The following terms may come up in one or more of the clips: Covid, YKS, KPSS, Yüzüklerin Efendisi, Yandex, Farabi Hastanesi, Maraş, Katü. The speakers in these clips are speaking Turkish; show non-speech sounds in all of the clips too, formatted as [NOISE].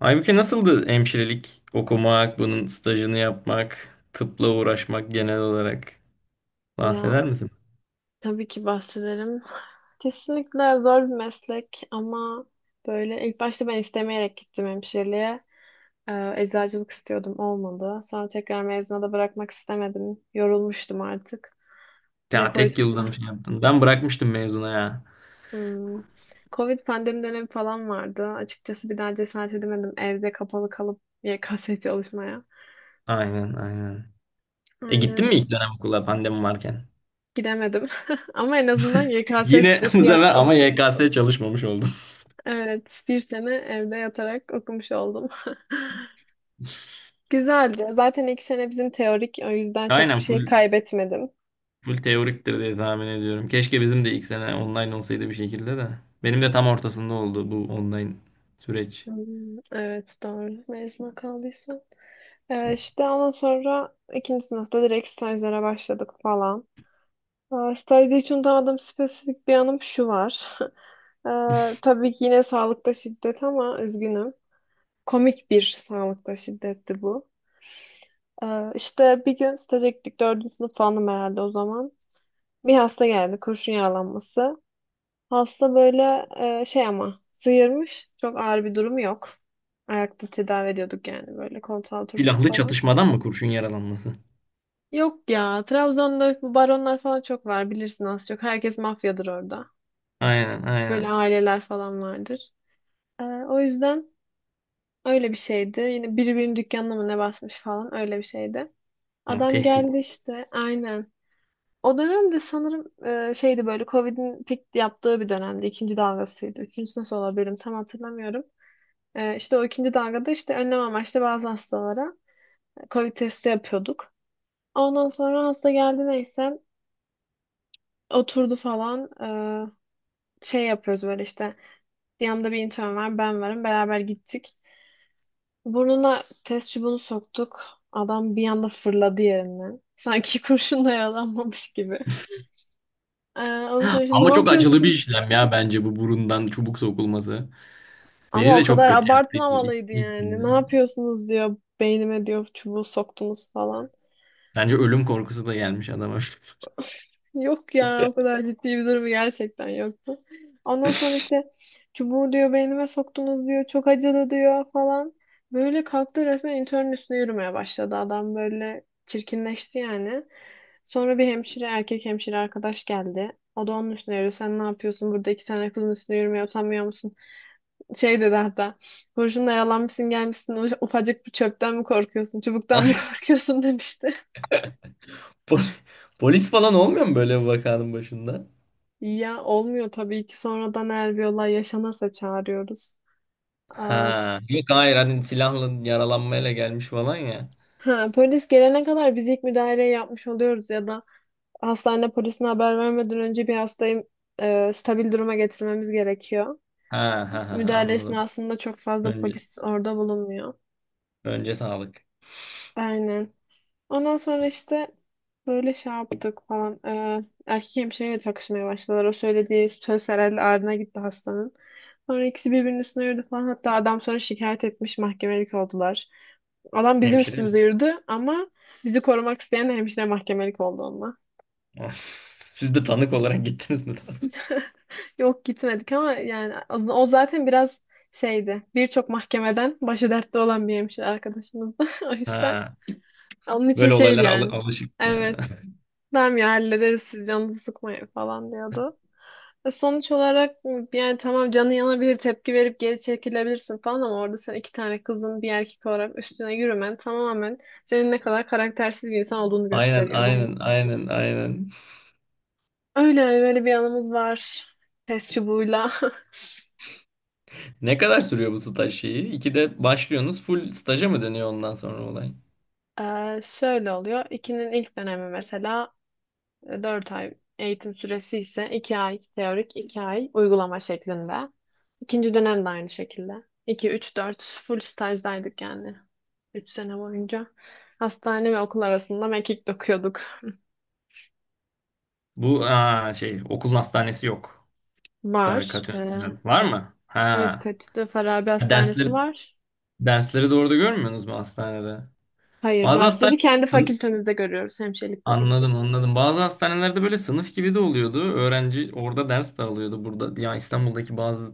Aybüke nasıldı hemşirelik okumak, bunun stajını yapmak, tıpla uğraşmak genel olarak Ya bahseder misin? tabii ki bahsederim. Kesinlikle zor bir meslek ama böyle ilk başta ben istemeyerek gittim hemşireliğe. Eczacılık istiyordum olmadı. Sonra tekrar mezuna da bırakmak istemedim. Yorulmuştum artık. Bir de Ya Covid. tek yılda bir şey yaptın. Ben bırakmıştım mezuna ya. Hmm. Covid pandemi dönemi falan vardı. Açıkçası bir daha cesaret edemedim evde kapalı kalıp YKS çalışmaya. Aynen, aynen. E Aynen gittin mi ilk işte dönem okula pandemi varken? gidemedim. [LAUGHS] Ama en azından YKS Yine [LAUGHS] bu stresi sefer yoktu. ama YKS çalışmamış oldum. Evet, bir sene evde yatarak okumuş oldum. [LAUGHS] Güzeldi. Zaten ilk sene bizim teorik, o yüzden çok bir Aynen, şey full kaybetmedim. full teoriktir diye tahmin ediyorum. Keşke bizim de ilk sene online olsaydı bir şekilde de. Benim de tam ortasında oldu bu online süreç. Hmm, evet, doğru. Mezuna kaldıysa. İşte ondan sonra ikinci sınıfta direkt stajlara başladık falan. Stajda hiç unutamadığım spesifik bir anım şu var. [LAUGHS] Ee, tabii ki yine sağlıkta şiddet ama üzgünüm. Komik bir sağlıkta şiddetti bu. İşte bir gün staja gittik. Dördüncü sınıf falanım herhalde o zaman. Bir hasta geldi. Kurşun yaralanması. Hasta böyle şey ama sıyırmış. Çok ağır bir durumu yok. Ayakta tedavi ediyorduk yani böyle koltuğa oturttuk Silahlı falan. çatışmadan mı kurşun yaralanması? Yok ya Trabzon'da bu baronlar falan çok var bilirsin az çok. Herkes mafyadır orada. Aynen, Böyle aynen. aileler falan vardır. O yüzden öyle bir şeydi. Yine birbirinin dükkanına mı ne basmış falan öyle bir şeydi. Ha, Adam tehdit. geldi işte aynen. O dönem de sanırım şeydi böyle Covid'in pik yaptığı bir dönemdi. İkinci dalgasıydı. Üçüncüsü nasıl olabilirim tam hatırlamıyorum. E, işte o ikinci dalgada işte önlem amaçlı bazı hastalara Covid testi yapıyorduk. Ondan sonra hasta geldi neyse oturdu falan. Şey yapıyoruz böyle işte, yanımda bir intern var, ben varım, beraber gittik. Burnuna test çubuğunu soktuk. Adam bir anda fırladı yerinden. Sanki [LAUGHS] kurşunla yaralanmamış gibi. Ondan sonra işte, ne Ama çok acılı bir yapıyorsun? işlem ya, bence bu burundan çubuk sokulması. Beni Ama o de kadar çok kötü yaptı abartmamalıydı yani. ilkinde. Ne yapıyorsunuz diyor. Beynime diyor çubuğu soktunuz falan. Bence ölüm korkusu da gelmiş adama. [LAUGHS] Yok ya o kadar ciddi bir durumu gerçekten yoktu. Ondan sonra işte çubuğu diyor beynime soktunuz diyor. Çok acıdı diyor falan. Böyle kalktı resmen internün üstüne yürümeye başladı. Adam böyle çirkinleşti yani. Sonra bir hemşire, erkek hemşire arkadaş geldi. O da onun üstüne yürüyor. Sen ne yapıyorsun burada, iki tane kızın üstüne yürümeye utanmıyor musun? Şey dedi hatta. Kurşunla yalanmışsın gelmişsin, ufacık bir çöpten mi korkuyorsun? Çubuktan mı [LAUGHS] korkuyorsun demişti. Pol- Polis falan olmuyor mu böyle bir vakanın başında? Ya olmuyor tabii ki, sonradan eğer bir olay yaşanırsa çağırıyoruz. Aa, Ha, yok, hayır, hani silahla yaralanmayla gelmiş falan ya. ha, polis gelene kadar biz ilk müdahaleyi yapmış oluyoruz, ya da hastane polisine haber vermeden önce bir hastayı stabil duruma getirmemiz gerekiyor. Ha ha ha, Müdahale anladım. esnasında çok fazla Önce polis orada bulunmuyor. önce sağlık. Aynen. Ondan sonra işte böyle şey yaptık falan. Erkek hemşireyle takışmaya başladılar. O söylediği söz herhalde ağrına gitti hastanın. Sonra ikisi birbirinin üstüne yürüdü falan. Hatta adam sonra şikayet etmiş, mahkemelik oldular. Adam bizim Hemşire üstümüze mi? yürüdü ama bizi korumak isteyen hemşire mahkemelik oldu onunla. [LAUGHS] Siz de tanık olarak gittiniz mi daha sonra? [LAUGHS] Yok gitmedik ama yani o zaten biraz şeydi. Birçok mahkemeden başı dertte olan bir hemşire arkadaşımızdı. [LAUGHS] O yüzden Ha, onun için böyle şeydi olaylara yani. alışık yani. Evet. Tamam ya hallederiz, siz canınızı sıkmayın falan diyordu. Sonuç olarak yani tamam, canın yanabilir, tepki verip geri çekilebilirsin falan ama orada sen iki tane kızın bir erkek olarak üstüne yürümen tamamen senin ne kadar karaktersiz bir insan olduğunu [LAUGHS] Aynen gösteriyor bence. aynen aynen aynen. Öyle öyle bir anımız var. Test çubuğuyla. [LAUGHS] Ne kadar sürüyor bu staj şeyi? İkide başlıyorsunuz. Full staja mı dönüyor ondan sonra olay? E, şöyle oluyor. İkinin ilk dönemi mesela 4 ay eğitim süresi ise, 2 ay teorik 2 ay uygulama şeklinde. İkinci dönem de aynı şekilde. İki, 3, 4 full stajdaydık yani. 3 sene boyunca. Hastane ve okul arasında mekik dokuyorduk. Bu şey, okulun hastanesi yok. Var. Tabii, Katı Ee, var mı? evet Ha. Katü'de Farabi Hastanesi Dersleri var. dersleri doğru da görmüyorsunuz mu hastanede? Hayır, Bazı hastane dersleri kendi fakültemizde görüyoruz. Hemşirelik Anladım, fakültesi. anladım. Bazı hastanelerde böyle sınıf gibi de oluyordu. Öğrenci orada ders de alıyordu burada. Ya İstanbul'daki bazı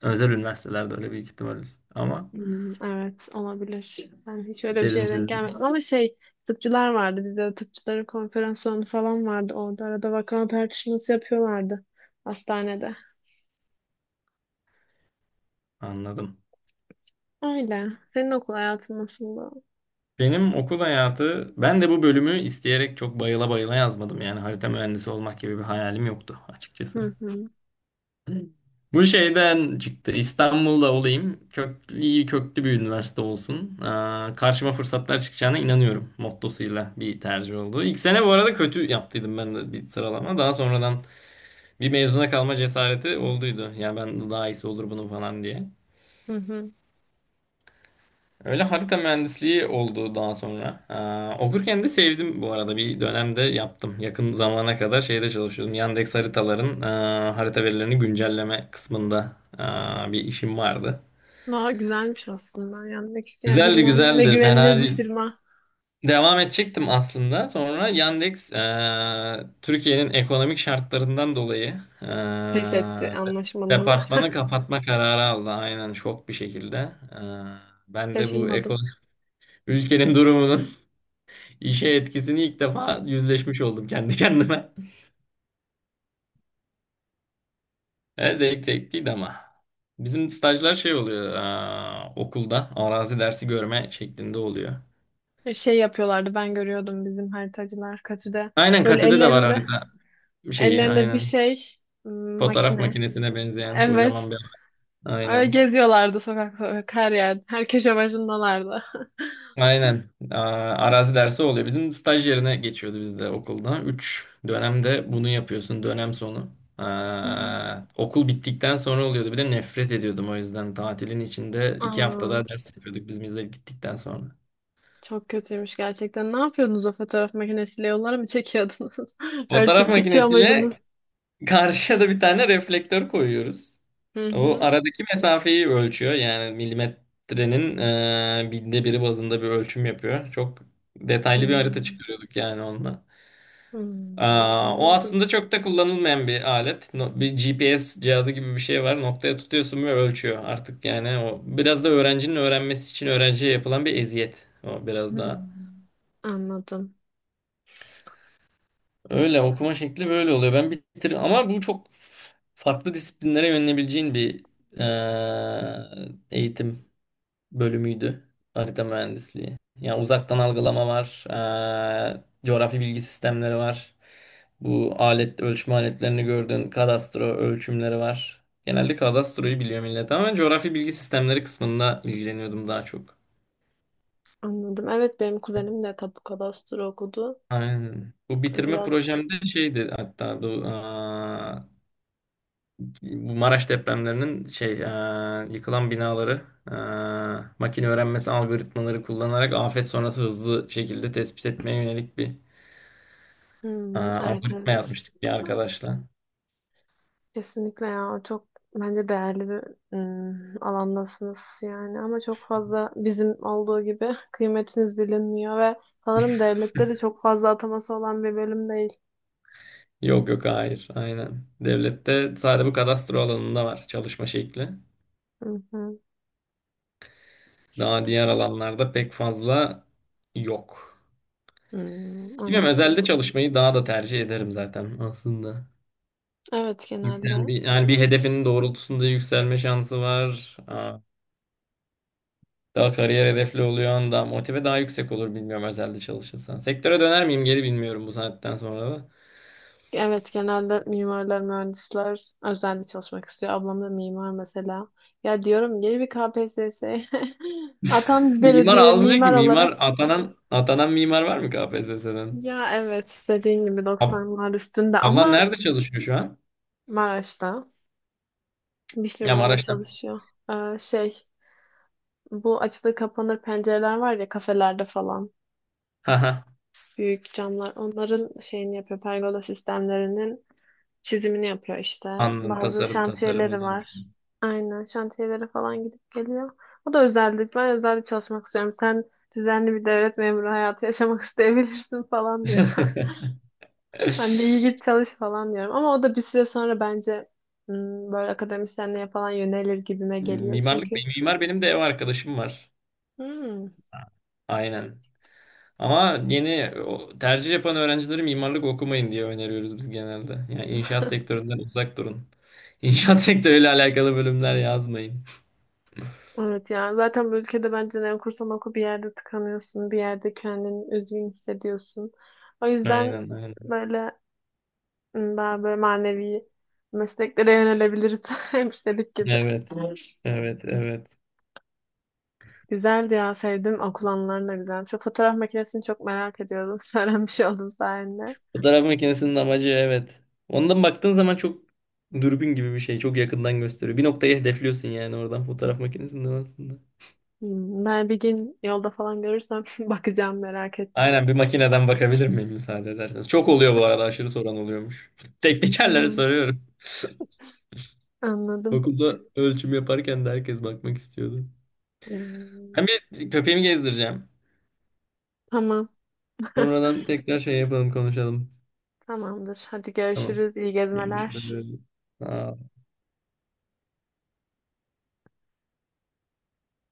özel üniversitelerde öyle büyük ihtimal. Ama Hmm, evet olabilir. Ben hiç öyle bir şeye dedim denk siz gelmedim. Ama şey, tıpçılar vardı. Bizde de tıpçıların konferans salonu falan vardı. Orada arada vaka tartışması yapıyorlardı hastanede. anladım. Öyle. Senin okul hayatın nasıldı? Benim okul hayatı, ben de bu bölümü isteyerek çok bayıla bayıla yazmadım. Yani harita mühendisi olmak gibi bir hayalim yoktu açıkçası. Hı hı. Bu şeyden çıktı. İstanbul'da olayım. Köklü, iyi, köklü bir üniversite olsun. Karşıma fırsatlar çıkacağına inanıyorum mottosuyla bir tercih oldu. İlk sene bu arada kötü yaptıydım ben de bir sıralama. Daha sonradan bir mezuna kalma cesareti olduydu. Ya ben daha iyisi olur bunun falan diye. Hı hı. Öyle harita mühendisliği oldu daha sonra. Okurken de sevdim bu arada. Bir dönemde yaptım. Yakın zamana kadar şeyde çalışıyordum. Yandex haritaların harita verilerini güncelleme kısmında bir işim vardı. Daha güzelmiş aslında. Yanmak isteyen Güzeldi, bilinen ve güzeldi. Fena güvenilir bir değil. firma, Devam edecektim aslında. Sonra Yandex, Türkiye'nin ekonomik şartlarından dolayı pes etti aa, anlaşmaları. departmanı kapatma kararı aldı. Aynen, şok bir şekilde. Aa, [LAUGHS] Ben de bu Şaşırmadım. ekonomik ülkenin durumunu [LAUGHS] İşe etkisini ilk defa yüzleşmiş oldum kendi kendime. [LAUGHS] E, zevkliydi ama. Bizim stajlar şey oluyor, okulda arazi dersi görme şeklinde oluyor. Şey yapıyorlardı, ben görüyordum bizim haritacılar Katü'de. Aynen, Böyle Katü'de de var ellerinde harita şeyi, ellerinde bir aynen. şey, Fotoğraf makine. makinesine benzeyen Evet. kocaman bir, Öyle aynen. geziyorlardı sokakta, her yerde. Her köşe başındalardı. Aynen. Arazi dersi oluyor. Bizim staj yerine geçiyordu bizde okulda. Üç dönemde bunu yapıyorsun, dönem sonu. Hmm. Okul bittikten sonra oluyordu. Bir de nefret ediyordum o yüzden. Tatilin içinde iki hafta Aa, daha ders yapıyorduk biz bize gittikten sonra. çok kötüymüş gerçekten. Ne yapıyordunuz o fotoğraf makinesiyle, yollara mı çekiyordunuz? [LAUGHS] Fotoğraf Ölçüp biçiyor muydunuz? makinesiyle karşıya da bir tane reflektör koyuyoruz. Hı O hı. aradaki mesafeyi ölçüyor. Yani milimetrenin binde biri bazında bir ölçüm yapıyor. Çok detaylı bir harita Hmm. çıkarıyorduk yani onunla. Hmm, O anladım. aslında çok da kullanılmayan bir alet. Bir GPS cihazı gibi bir şey var. Noktaya tutuyorsun ve ölçüyor artık yani. O biraz da öğrencinin öğrenmesi için öğrenciye yapılan bir eziyet. O biraz daha. Hmm. Anladım. Öyle, okuma şekli böyle oluyor. Ben bitir ama bu çok farklı disiplinlere yönelebileceğin bir eee, eğitim bölümüydü. Harita mühendisliği. Yani uzaktan algılama var. Coğrafi bilgi sistemleri var. Bu alet, ölçme aletlerini gördüğün kadastro ölçümleri var. Genelde kadastroyu biliyor millet ama ben coğrafi bilgi sistemleri kısmında ilgileniyordum daha çok. Anladım. Evet, benim kuzenim de tapu kadastro okudu. Aynen. Bu bitirme Biraz. projemde şeydi hatta bu, bu Maraş depremlerinin şey, yıkılan binaları, makine öğrenmesi algoritmaları kullanarak afet sonrası hızlı şekilde tespit etmeye yönelik bir, Hmm, evet, algoritma evet. yazmıştık bir arkadaşla. Kesinlikle ya, çok bence değerli bir alandasınız yani, ama çok fazla bizim olduğu gibi [LAUGHS] kıymetiniz bilinmiyor ve sanırım devlette de çok fazla ataması olan bir bölüm değil. Yok, yok, hayır, aynen. Devlette sadece bu kadastro alanında var çalışma şekli. Hı hı. Daha diğer alanlarda pek fazla yok. Hmm, Bilmiyorum, anladım. özelde çalışmayı daha da tercih ederim zaten aslında. Evet Yüksel genelde bir, yani bir hedefinin doğrultusunda yükselme şansı var. Daha kariyer hedefli oluyorsun, daha motive, daha yüksek olur bilmiyorum özelde çalışırsan. Sektöre döner miyim geri, bilmiyorum, bu saatten sonra da. Evet, genelde mimarlar, mühendisler özelde çalışmak istiyor. Ablam da mimar mesela. Ya diyorum, gel bir KPSS. [LAUGHS] Atam [LAUGHS] bir Mimar belediye, almıyor ki. mimar olarak. Mimar atanan, mimar var mı KPSS'den? Ya evet, dediğin gibi Ab 90'lar üstünde Ablan ama. nerede çalışıyor şu an? Maraş'ta bir Ya firmada Maraş'ta. çalışıyor. Şey, bu açılır kapanır pencereler var ya kafelerde falan. Haha. Büyük camlar, onların şeyini yapıyor, pergola sistemlerinin çizimini yapıyor işte. Anladım, Bazı tasarım, şantiyeleri tasarımını var. yapıyorum. Aynen, şantiyelere falan gidip geliyor. O da özellik. Ben özelde çalışmak istiyorum. Sen düzenli bir devlet memuru hayatı yaşamak [LAUGHS] isteyebilirsin falan diyor. [LAUGHS] Ben de iyi, git çalış falan diyorum. Ama o da bir süre sonra bence böyle akademisyenliğe falan yönelir gibime geliyor. Mimarlık, Çünkü benim mimar, benim de ev arkadaşım var. hmm, Aynen. Ama yeni o, tercih yapan öğrencileri mimarlık okumayın diye öneriyoruz biz genelde. Yani inşaat sektöründen uzak durun. İnşaat [LAUGHS] sektörüyle alakalı bölümler yazmayın. evet ya, zaten bu ülkede bence ne okursan oku bir yerde tıkanıyorsun. Bir yerde kendini üzgün hissediyorsun. O yüzden Aynen, aynen. böyle, daha böyle manevi mesleklere yönelebiliriz. [LAUGHS] Hemşirelik gibi. Evet. Evet, evet. Güzeldi ya, sevdim. Okul anılarını da güzel. Şu fotoğraf makinesini çok merak ediyordum. [LAUGHS] Öğrenmiş oldum sayende. Fotoğraf makinesinin amacı, evet. Ondan baktığın zaman çok dürbün gibi bir şey. Çok yakından gösteriyor. Bir noktayı hedefliyorsun yani oradan, fotoğraf makinesinden aslında. Hmm, ben bir gün yolda falan görürsem [LAUGHS] bakacağım, merak ettim. Aynen, bir makineden bakabilir miyim müsaade ederseniz. Çok oluyor bu arada, aşırı soran oluyormuş. [LAUGHS] Teknikerlere Hmm, soruyorum. [LAUGHS] anladım. Okulda ölçüm yaparken de herkes bakmak istiyordu. Hmm, Ben bir köpeğimi gezdireceğim. tamam. [LAUGHS] Sonradan tekrar şey yapalım, konuşalım. Tamamdır. Hadi Tamam. görüşürüz. İyi gezmeler. Görüşürüz. Aa,